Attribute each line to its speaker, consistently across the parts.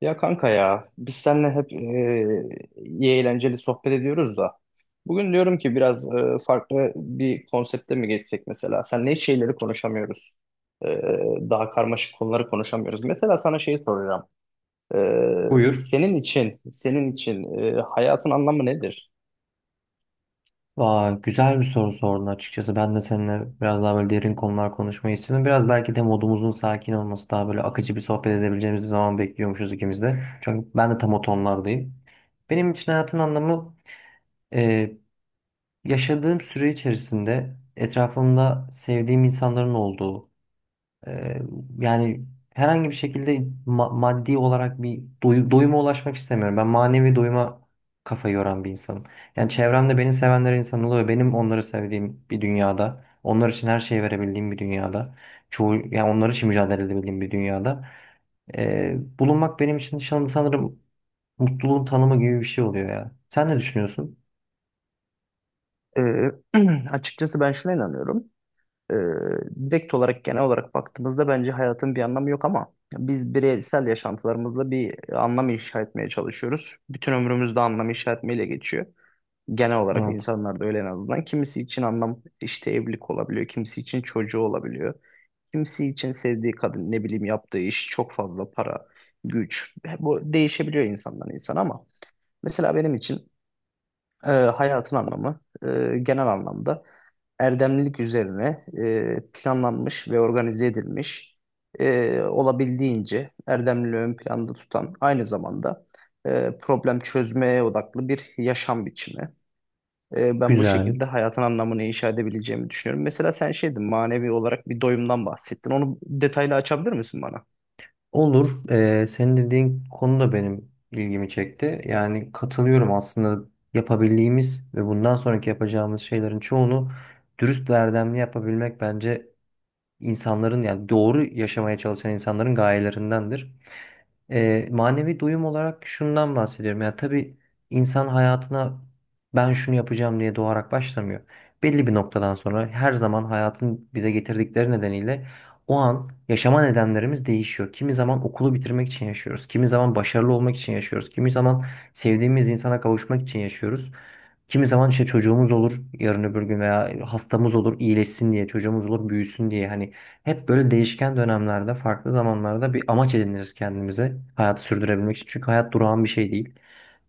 Speaker 1: Ya kanka ya biz seninle hep iyi eğlenceli sohbet ediyoruz da bugün diyorum ki biraz farklı bir konsepte mi geçsek, mesela senle hiç şeyleri konuşamıyoruz. E, Daha karmaşık konuları konuşamıyoruz. Mesela sana şey soracağım. E,
Speaker 2: Buyur.
Speaker 1: Senin için, senin için hayatın anlamı nedir?
Speaker 2: Aa, güzel bir soru sordun açıkçası. Ben de seninle biraz daha böyle derin konular konuşmayı istedim. Biraz belki de modumuzun sakin olması daha böyle akıcı bir sohbet edebileceğimiz bir zaman bekliyormuşuz ikimiz de. Çünkü ben de tam o tonlardayım. Benim için hayatın anlamı e, yaşadığım süre içerisinde etrafımda sevdiğim insanların olduğu, Ee, yani herhangi bir şekilde maddi olarak bir doyuma ulaşmak istemiyorum. Ben manevi doyuma kafa yoran bir insanım. Yani çevremde beni sevenler insan oluyor. Benim onları sevdiğim bir dünyada, onlar için her şeyi verebildiğim bir dünyada, çoğu yani onlar için mücadele edebildiğim bir dünyada bulunmak benim için sanırım mutluluğun tanımı gibi bir şey oluyor ya. Sen ne düşünüyorsun?
Speaker 1: E, Açıkçası ben şuna inanıyorum. Ee, Direkt olarak, genel olarak baktığımızda bence hayatın bir anlamı yok, ama biz bireysel yaşantılarımızla bir anlam inşa etmeye çalışıyoruz. Bütün ömrümüzde anlam inşa etmeyle geçiyor. Genel olarak
Speaker 2: Evet.
Speaker 1: insanlar da öyle en azından. Kimisi için anlam işte evlilik olabiliyor, kimisi için çocuğu olabiliyor. Kimisi için sevdiği kadın, ne bileyim yaptığı iş, çok fazla para, güç. Bu değişebiliyor insandan insana, ama mesela benim için hayatın anlamı genel anlamda erdemlilik üzerine planlanmış ve organize edilmiş, olabildiğince erdemliliği ön planda tutan, aynı zamanda problem çözmeye odaklı bir yaşam biçimi. Ben bu
Speaker 2: Güzel.
Speaker 1: şekilde hayatın anlamını inşa edebileceğimi düşünüyorum. Mesela sen şeydin, manevi olarak bir doyumdan bahsettin. Onu detaylı açabilir misin bana?
Speaker 2: Olur. Senin dediğin konu da benim ilgimi çekti. Yani katılıyorum aslında yapabildiğimiz ve bundan sonraki yapacağımız şeylerin çoğunu dürüst ve erdemli yapabilmek bence insanların yani doğru yaşamaya çalışan insanların gayelerindendir. Manevi doyum olarak şundan bahsediyorum. Ya tabii insan hayatına ben şunu yapacağım diye doğarak başlamıyor. Belli bir noktadan sonra her zaman hayatın bize getirdikleri nedeniyle o an yaşama nedenlerimiz değişiyor. Kimi zaman okulu bitirmek için yaşıyoruz. Kimi zaman başarılı olmak için yaşıyoruz. Kimi zaman sevdiğimiz insana kavuşmak için yaşıyoruz. Kimi zaman işte çocuğumuz olur yarın öbür gün veya hastamız olur iyileşsin diye çocuğumuz olur büyüsün diye hani hep böyle değişken dönemlerde farklı zamanlarda bir amaç ediniriz kendimize hayatı sürdürebilmek için. Çünkü hayat durağan bir şey değil.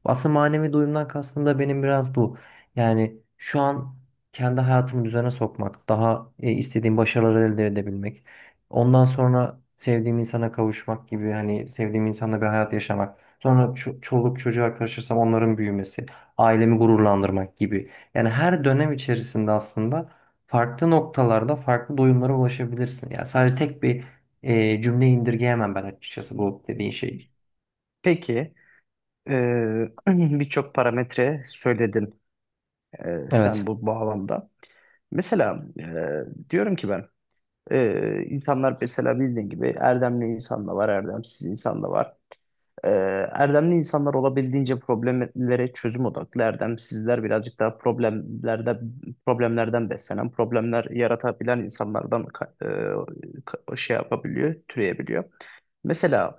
Speaker 2: Aslında manevi doyumdan kastım da benim biraz bu. Yani şu an kendi hayatımı düzene sokmak, daha istediğim başarıları elde edebilmek, ondan sonra sevdiğim insana kavuşmak gibi hani sevdiğim insanla bir hayat yaşamak. Sonra çoluk çocuğa karışırsam onların büyümesi ailemi gururlandırmak gibi. Yani her dönem içerisinde aslında farklı noktalarda farklı doyumlara ulaşabilirsin. Yani sadece tek bir cümle indirgeyemem ben açıkçası bu dediğin şeyi.
Speaker 1: Peki, e, birçok parametre söyledin
Speaker 2: Evet.
Speaker 1: sen bu bağlamda. Mesela, diyorum ki ben, insanlar mesela bildiğin gibi erdemli insan da var, erdemsiz insan da var. Ee, Erdemli insanlar olabildiğince problemlere çözüm odaklı. Erdemsizler birazcık daha problemlerde, problemlerden beslenen, problemler yaratabilen insanlardan şey yapabiliyor, türeyebiliyor. Mesela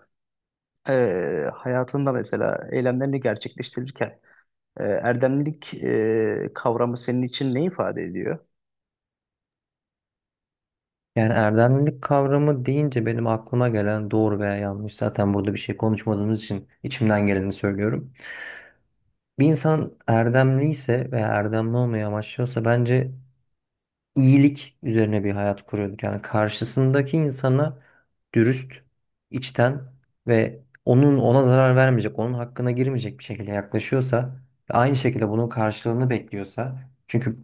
Speaker 1: e, hayatında mesela eylemlerini gerçekleştirirken erdemlilik kavramı senin için ne ifade ediyor?
Speaker 2: Yani erdemlilik kavramı deyince benim aklıma gelen doğru veya yanlış zaten burada bir şey konuşmadığımız için içimden geleni söylüyorum. Bir insan erdemli ise veya erdemli olmayı amaçlıyorsa bence iyilik üzerine bir hayat kuruyorduk. Yani karşısındaki insana dürüst, içten ve onun ona zarar vermeyecek, onun hakkına girmeyecek bir şekilde yaklaşıyorsa ve aynı şekilde bunun karşılığını bekliyorsa çünkü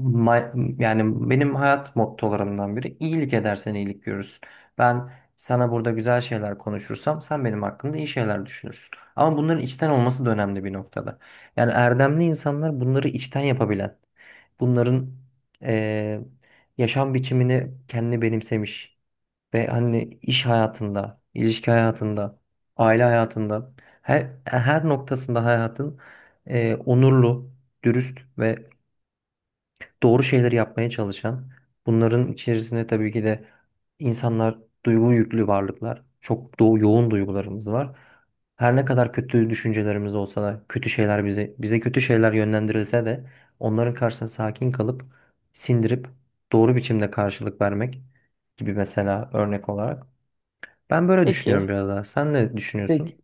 Speaker 2: yani benim hayat mottolarımdan biri iyilik edersen iyilik görürsün. Ben sana burada güzel şeyler konuşursam sen benim hakkımda iyi şeyler düşünürsün. Ama bunların içten olması da önemli bir noktada. Yani erdemli insanlar bunları içten yapabilen, bunların e, yaşam biçimini kendine benimsemiş ve hani iş hayatında, ilişki hayatında, aile hayatında her noktasında hayatın onurlu, dürüst ve doğru şeyleri yapmaya çalışan, bunların içerisinde tabii ki de insanlar duygu yüklü varlıklar. Çok yoğun duygularımız var. Her ne kadar kötü düşüncelerimiz olsa da, kötü şeyler bize kötü şeyler yönlendirilse de onların karşısında sakin kalıp sindirip doğru biçimde karşılık vermek gibi mesela örnek olarak. Ben böyle düşünüyorum
Speaker 1: Peki,
Speaker 2: biraz daha. Sen ne düşünüyorsun?
Speaker 1: peki,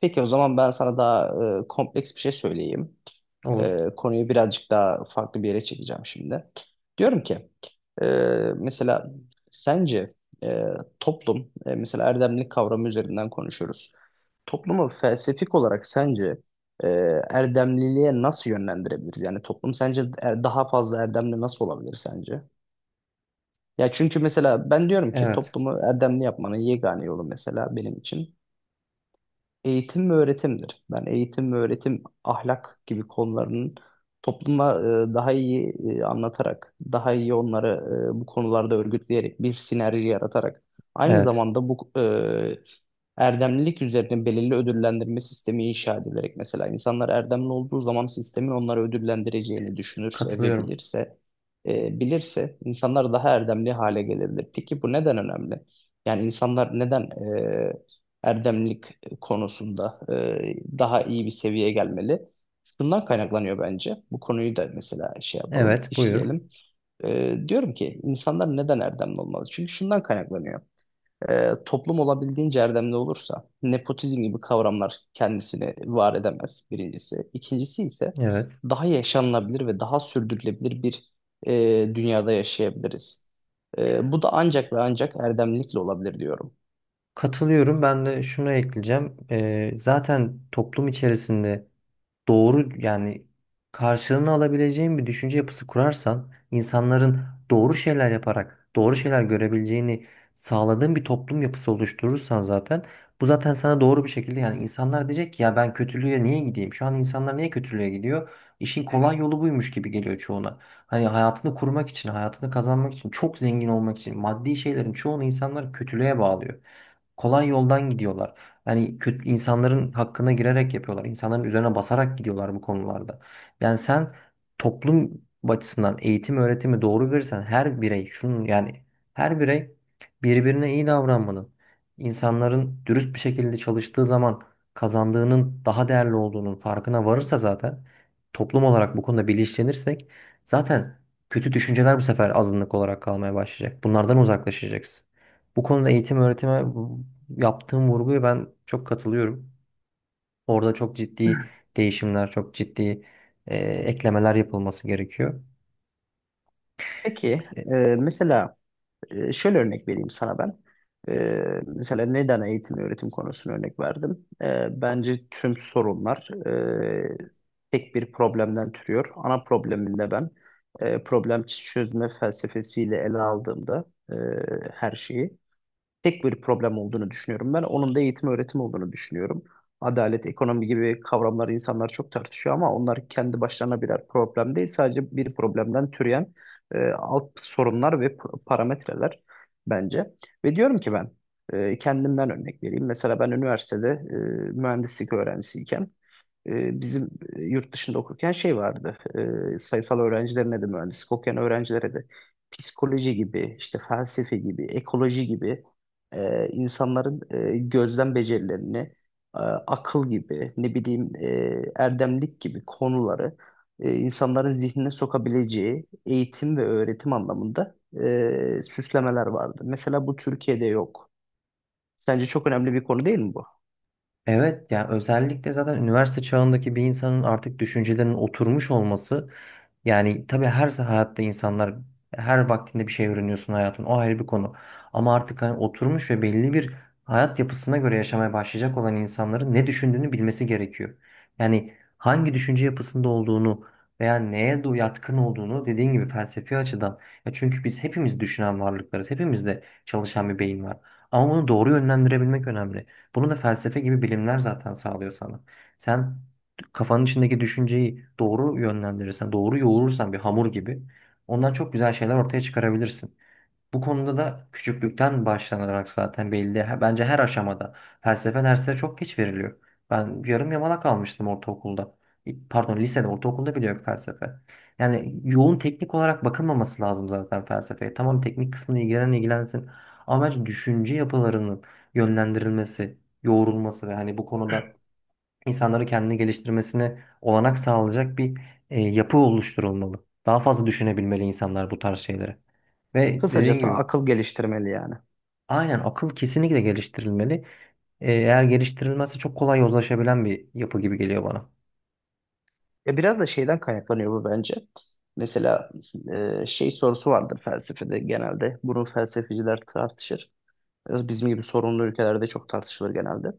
Speaker 1: peki o zaman ben sana daha kompleks bir şey söyleyeyim.
Speaker 2: Olur.
Speaker 1: Konuyu birazcık daha farklı bir yere çekeceğim şimdi. Diyorum ki e, mesela sence e, toplum, mesela erdemlik kavramı üzerinden konuşuyoruz. Toplumu felsefik olarak sence e, erdemliliğe nasıl yönlendirebiliriz? Yani toplum sence daha fazla erdemli nasıl olabilir sence? Ya çünkü mesela ben diyorum ki
Speaker 2: Evet.
Speaker 1: toplumu erdemli yapmanın yegane yolu, mesela benim için eğitim ve öğretimdir. Ben eğitim ve öğretim, ahlak gibi konularının topluma daha iyi anlatarak, daha iyi onları bu konularda örgütleyerek, bir sinerji yaratarak, aynı
Speaker 2: Evet.
Speaker 1: zamanda bu, erdemlilik üzerine belirli ödüllendirme sistemi inşa edilerek, mesela insanlar erdemli olduğu zaman sistemin onları ödüllendireceğini düşünürse ve
Speaker 2: Katılıyorum.
Speaker 1: bilirse, bilirse, insanlar daha erdemli hale gelebilir. Peki bu neden önemli? Yani insanlar neden e, erdemlilik konusunda daha iyi bir seviyeye gelmeli? Şundan kaynaklanıyor bence. Bu konuyu da mesela şey yapalım,
Speaker 2: Evet, buyur.
Speaker 1: işleyelim. Diyorum ki insanlar neden erdemli olmalı? Çünkü şundan kaynaklanıyor. Toplum olabildiğince erdemli olursa, nepotizm gibi kavramlar kendisini var edemez birincisi. İkincisi ise
Speaker 2: Evet.
Speaker 1: daha yaşanılabilir ve daha sürdürülebilir bir, e, dünyada yaşayabiliriz. Bu da ancak ve ancak erdemlilikle olabilir diyorum.
Speaker 2: Katılıyorum. Ben de şunu ekleyeceğim. Zaten toplum içerisinde doğru yani karşılığını alabileceğin bir düşünce yapısı kurarsan insanların doğru şeyler yaparak doğru şeyler görebileceğini sağladığın bir toplum yapısı oluşturursan zaten bu zaten sana doğru bir şekilde yani insanlar diyecek ki ya ben kötülüğe niye gideyim? Şu an insanlar niye kötülüğe gidiyor? İşin hı hı, kolay hı yolu buymuş gibi geliyor çoğuna. Hani hayatını kurmak için, hayatını kazanmak için, çok zengin olmak için maddi şeylerin çoğunu insanlar kötülüğe bağlıyor kolay yoldan gidiyorlar. Yani kötü insanların hakkına girerek yapıyorlar. İnsanların üzerine basarak gidiyorlar bu konularda. Yani sen toplum açısından eğitim öğretimi doğru verirsen her birey şunun yani her birey birbirine iyi davranmanın, insanların dürüst bir şekilde çalıştığı zaman kazandığının daha değerli olduğunun farkına varırsa zaten toplum olarak bu konuda bilinçlenirsek zaten kötü düşünceler bu sefer azınlık olarak kalmaya başlayacak. Bunlardan uzaklaşacaksın. Bu konuda eğitim öğretime yaptığım vurguya ben çok katılıyorum. Orada çok ciddi değişimler, çok ciddi eklemeler yapılması gerekiyor.
Speaker 1: Peki, e,
Speaker 2: E,
Speaker 1: mesela, şöyle örnek vereyim sana ben. Mesela neden eğitim ve öğretim konusunu örnek verdim? Bence tüm sorunlar tek bir problemden türüyor. Ana probleminde ben problem çözme felsefesiyle ele aldığımda e, her şeyi tek bir problem olduğunu düşünüyorum ben. Onun da eğitim öğretim olduğunu düşünüyorum. Adalet, ekonomi gibi kavramları insanlar çok tartışıyor, ama onlar kendi başlarına birer problem değil. Sadece bir problemden türeyen alt sorunlar ve parametreler bence. Ve diyorum ki ben, kendimden örnek vereyim. Mesela ben üniversitede mühendislik öğrencisiyken bizim yurt dışında okurken şey vardı. Sayısal öğrencilerine de mühendislik okuyan öğrencilere de psikoloji gibi, işte felsefe gibi, ekoloji gibi, insanların gözlem becerilerini, akıl gibi, ne bileyim erdemlik gibi konuları insanların zihnine sokabileceği eğitim ve öğretim anlamında süslemeler vardı. Mesela bu Türkiye'de yok. Sence çok önemli bir konu değil mi bu?
Speaker 2: Evet, yani özellikle zaten üniversite çağındaki bir insanın artık düşüncelerinin oturmuş olması yani tabii her hayatta insanlar her vaktinde bir şey öğreniyorsun hayatın o ayrı bir konu. Ama artık hani oturmuş ve belli bir hayat yapısına göre yaşamaya başlayacak olan insanların ne düşündüğünü bilmesi gerekiyor. Yani hangi düşünce yapısında olduğunu veya neye yatkın olduğunu dediğin gibi felsefi açıdan. Ya çünkü biz hepimiz düşünen varlıklarız. Hepimizde çalışan bir beyin var. Ama bunu doğru yönlendirebilmek önemli. Bunu da felsefe gibi bilimler zaten sağlıyor sana. Sen kafanın içindeki düşünceyi doğru yönlendirirsen, doğru yoğurursan bir hamur gibi ondan çok güzel şeyler ortaya çıkarabilirsin. Bu konuda da küçüklükten başlanarak zaten belli. Bence her aşamada felsefe dersleri çok geç veriliyor. Ben yarım yamalak kalmıştım ortaokulda. Pardon, lisede, ortaokulda bile yok felsefe. Yani yoğun teknik olarak bakılmaması lazım zaten felsefeye. Tamam, teknik kısmını ilgilenen ilgilensin. Ama bence düşünce yapılarının yönlendirilmesi, yoğrulması ve hani bu konuda insanları kendini geliştirmesine olanak sağlayacak bir yapı oluşturulmalı. Daha fazla düşünebilmeli insanlar bu tarz şeyleri. Ve dediğin
Speaker 1: Kısacası
Speaker 2: gibi
Speaker 1: akıl geliştirmeli yani.
Speaker 2: aynen akıl kesinlikle geliştirilmeli. Eğer geliştirilmezse çok kolay yozlaşabilen bir yapı gibi geliyor bana.
Speaker 1: Ya biraz da şeyden kaynaklanıyor bu, bence. Mesela şey sorusu vardır felsefede genelde. Bunu felsefeciler tartışır. Biraz bizim gibi sorunlu ülkelerde çok tartışılır genelde.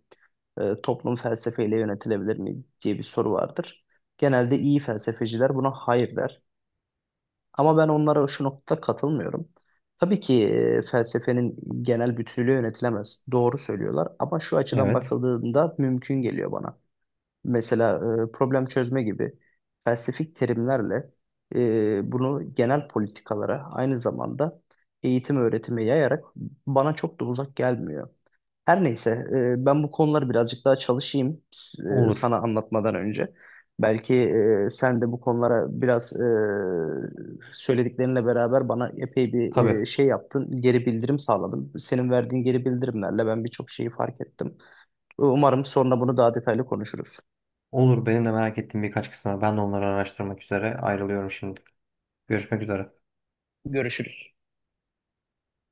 Speaker 1: Toplum felsefeyle yönetilebilir mi diye bir soru vardır. Genelde iyi felsefeciler buna hayır der. Ama ben onlara şu noktada katılmıyorum. Tabii ki felsefenin genel bütünlüğü yönetilemez. Doğru söylüyorlar, ama şu açıdan
Speaker 2: Evet.
Speaker 1: bakıldığında mümkün geliyor bana. Mesela problem çözme gibi felsefik terimlerle bunu genel politikalara, aynı zamanda eğitim öğretime yayarak bana çok da uzak gelmiyor. Her neyse, ben bu konuları birazcık daha çalışayım
Speaker 2: Olur.
Speaker 1: sana anlatmadan önce. Belki sen de bu konulara biraz, söylediklerinle beraber bana epey bir
Speaker 2: Tabii.
Speaker 1: şey yaptın, geri bildirim sağladın. Senin verdiğin geri bildirimlerle ben birçok şeyi fark ettim. Umarım sonra bunu daha detaylı konuşuruz.
Speaker 2: Olur. Benim de merak ettiğim birkaç kısım var. Ben de onları araştırmak üzere ayrılıyorum şimdi. Görüşmek üzere.
Speaker 1: Görüşürüz.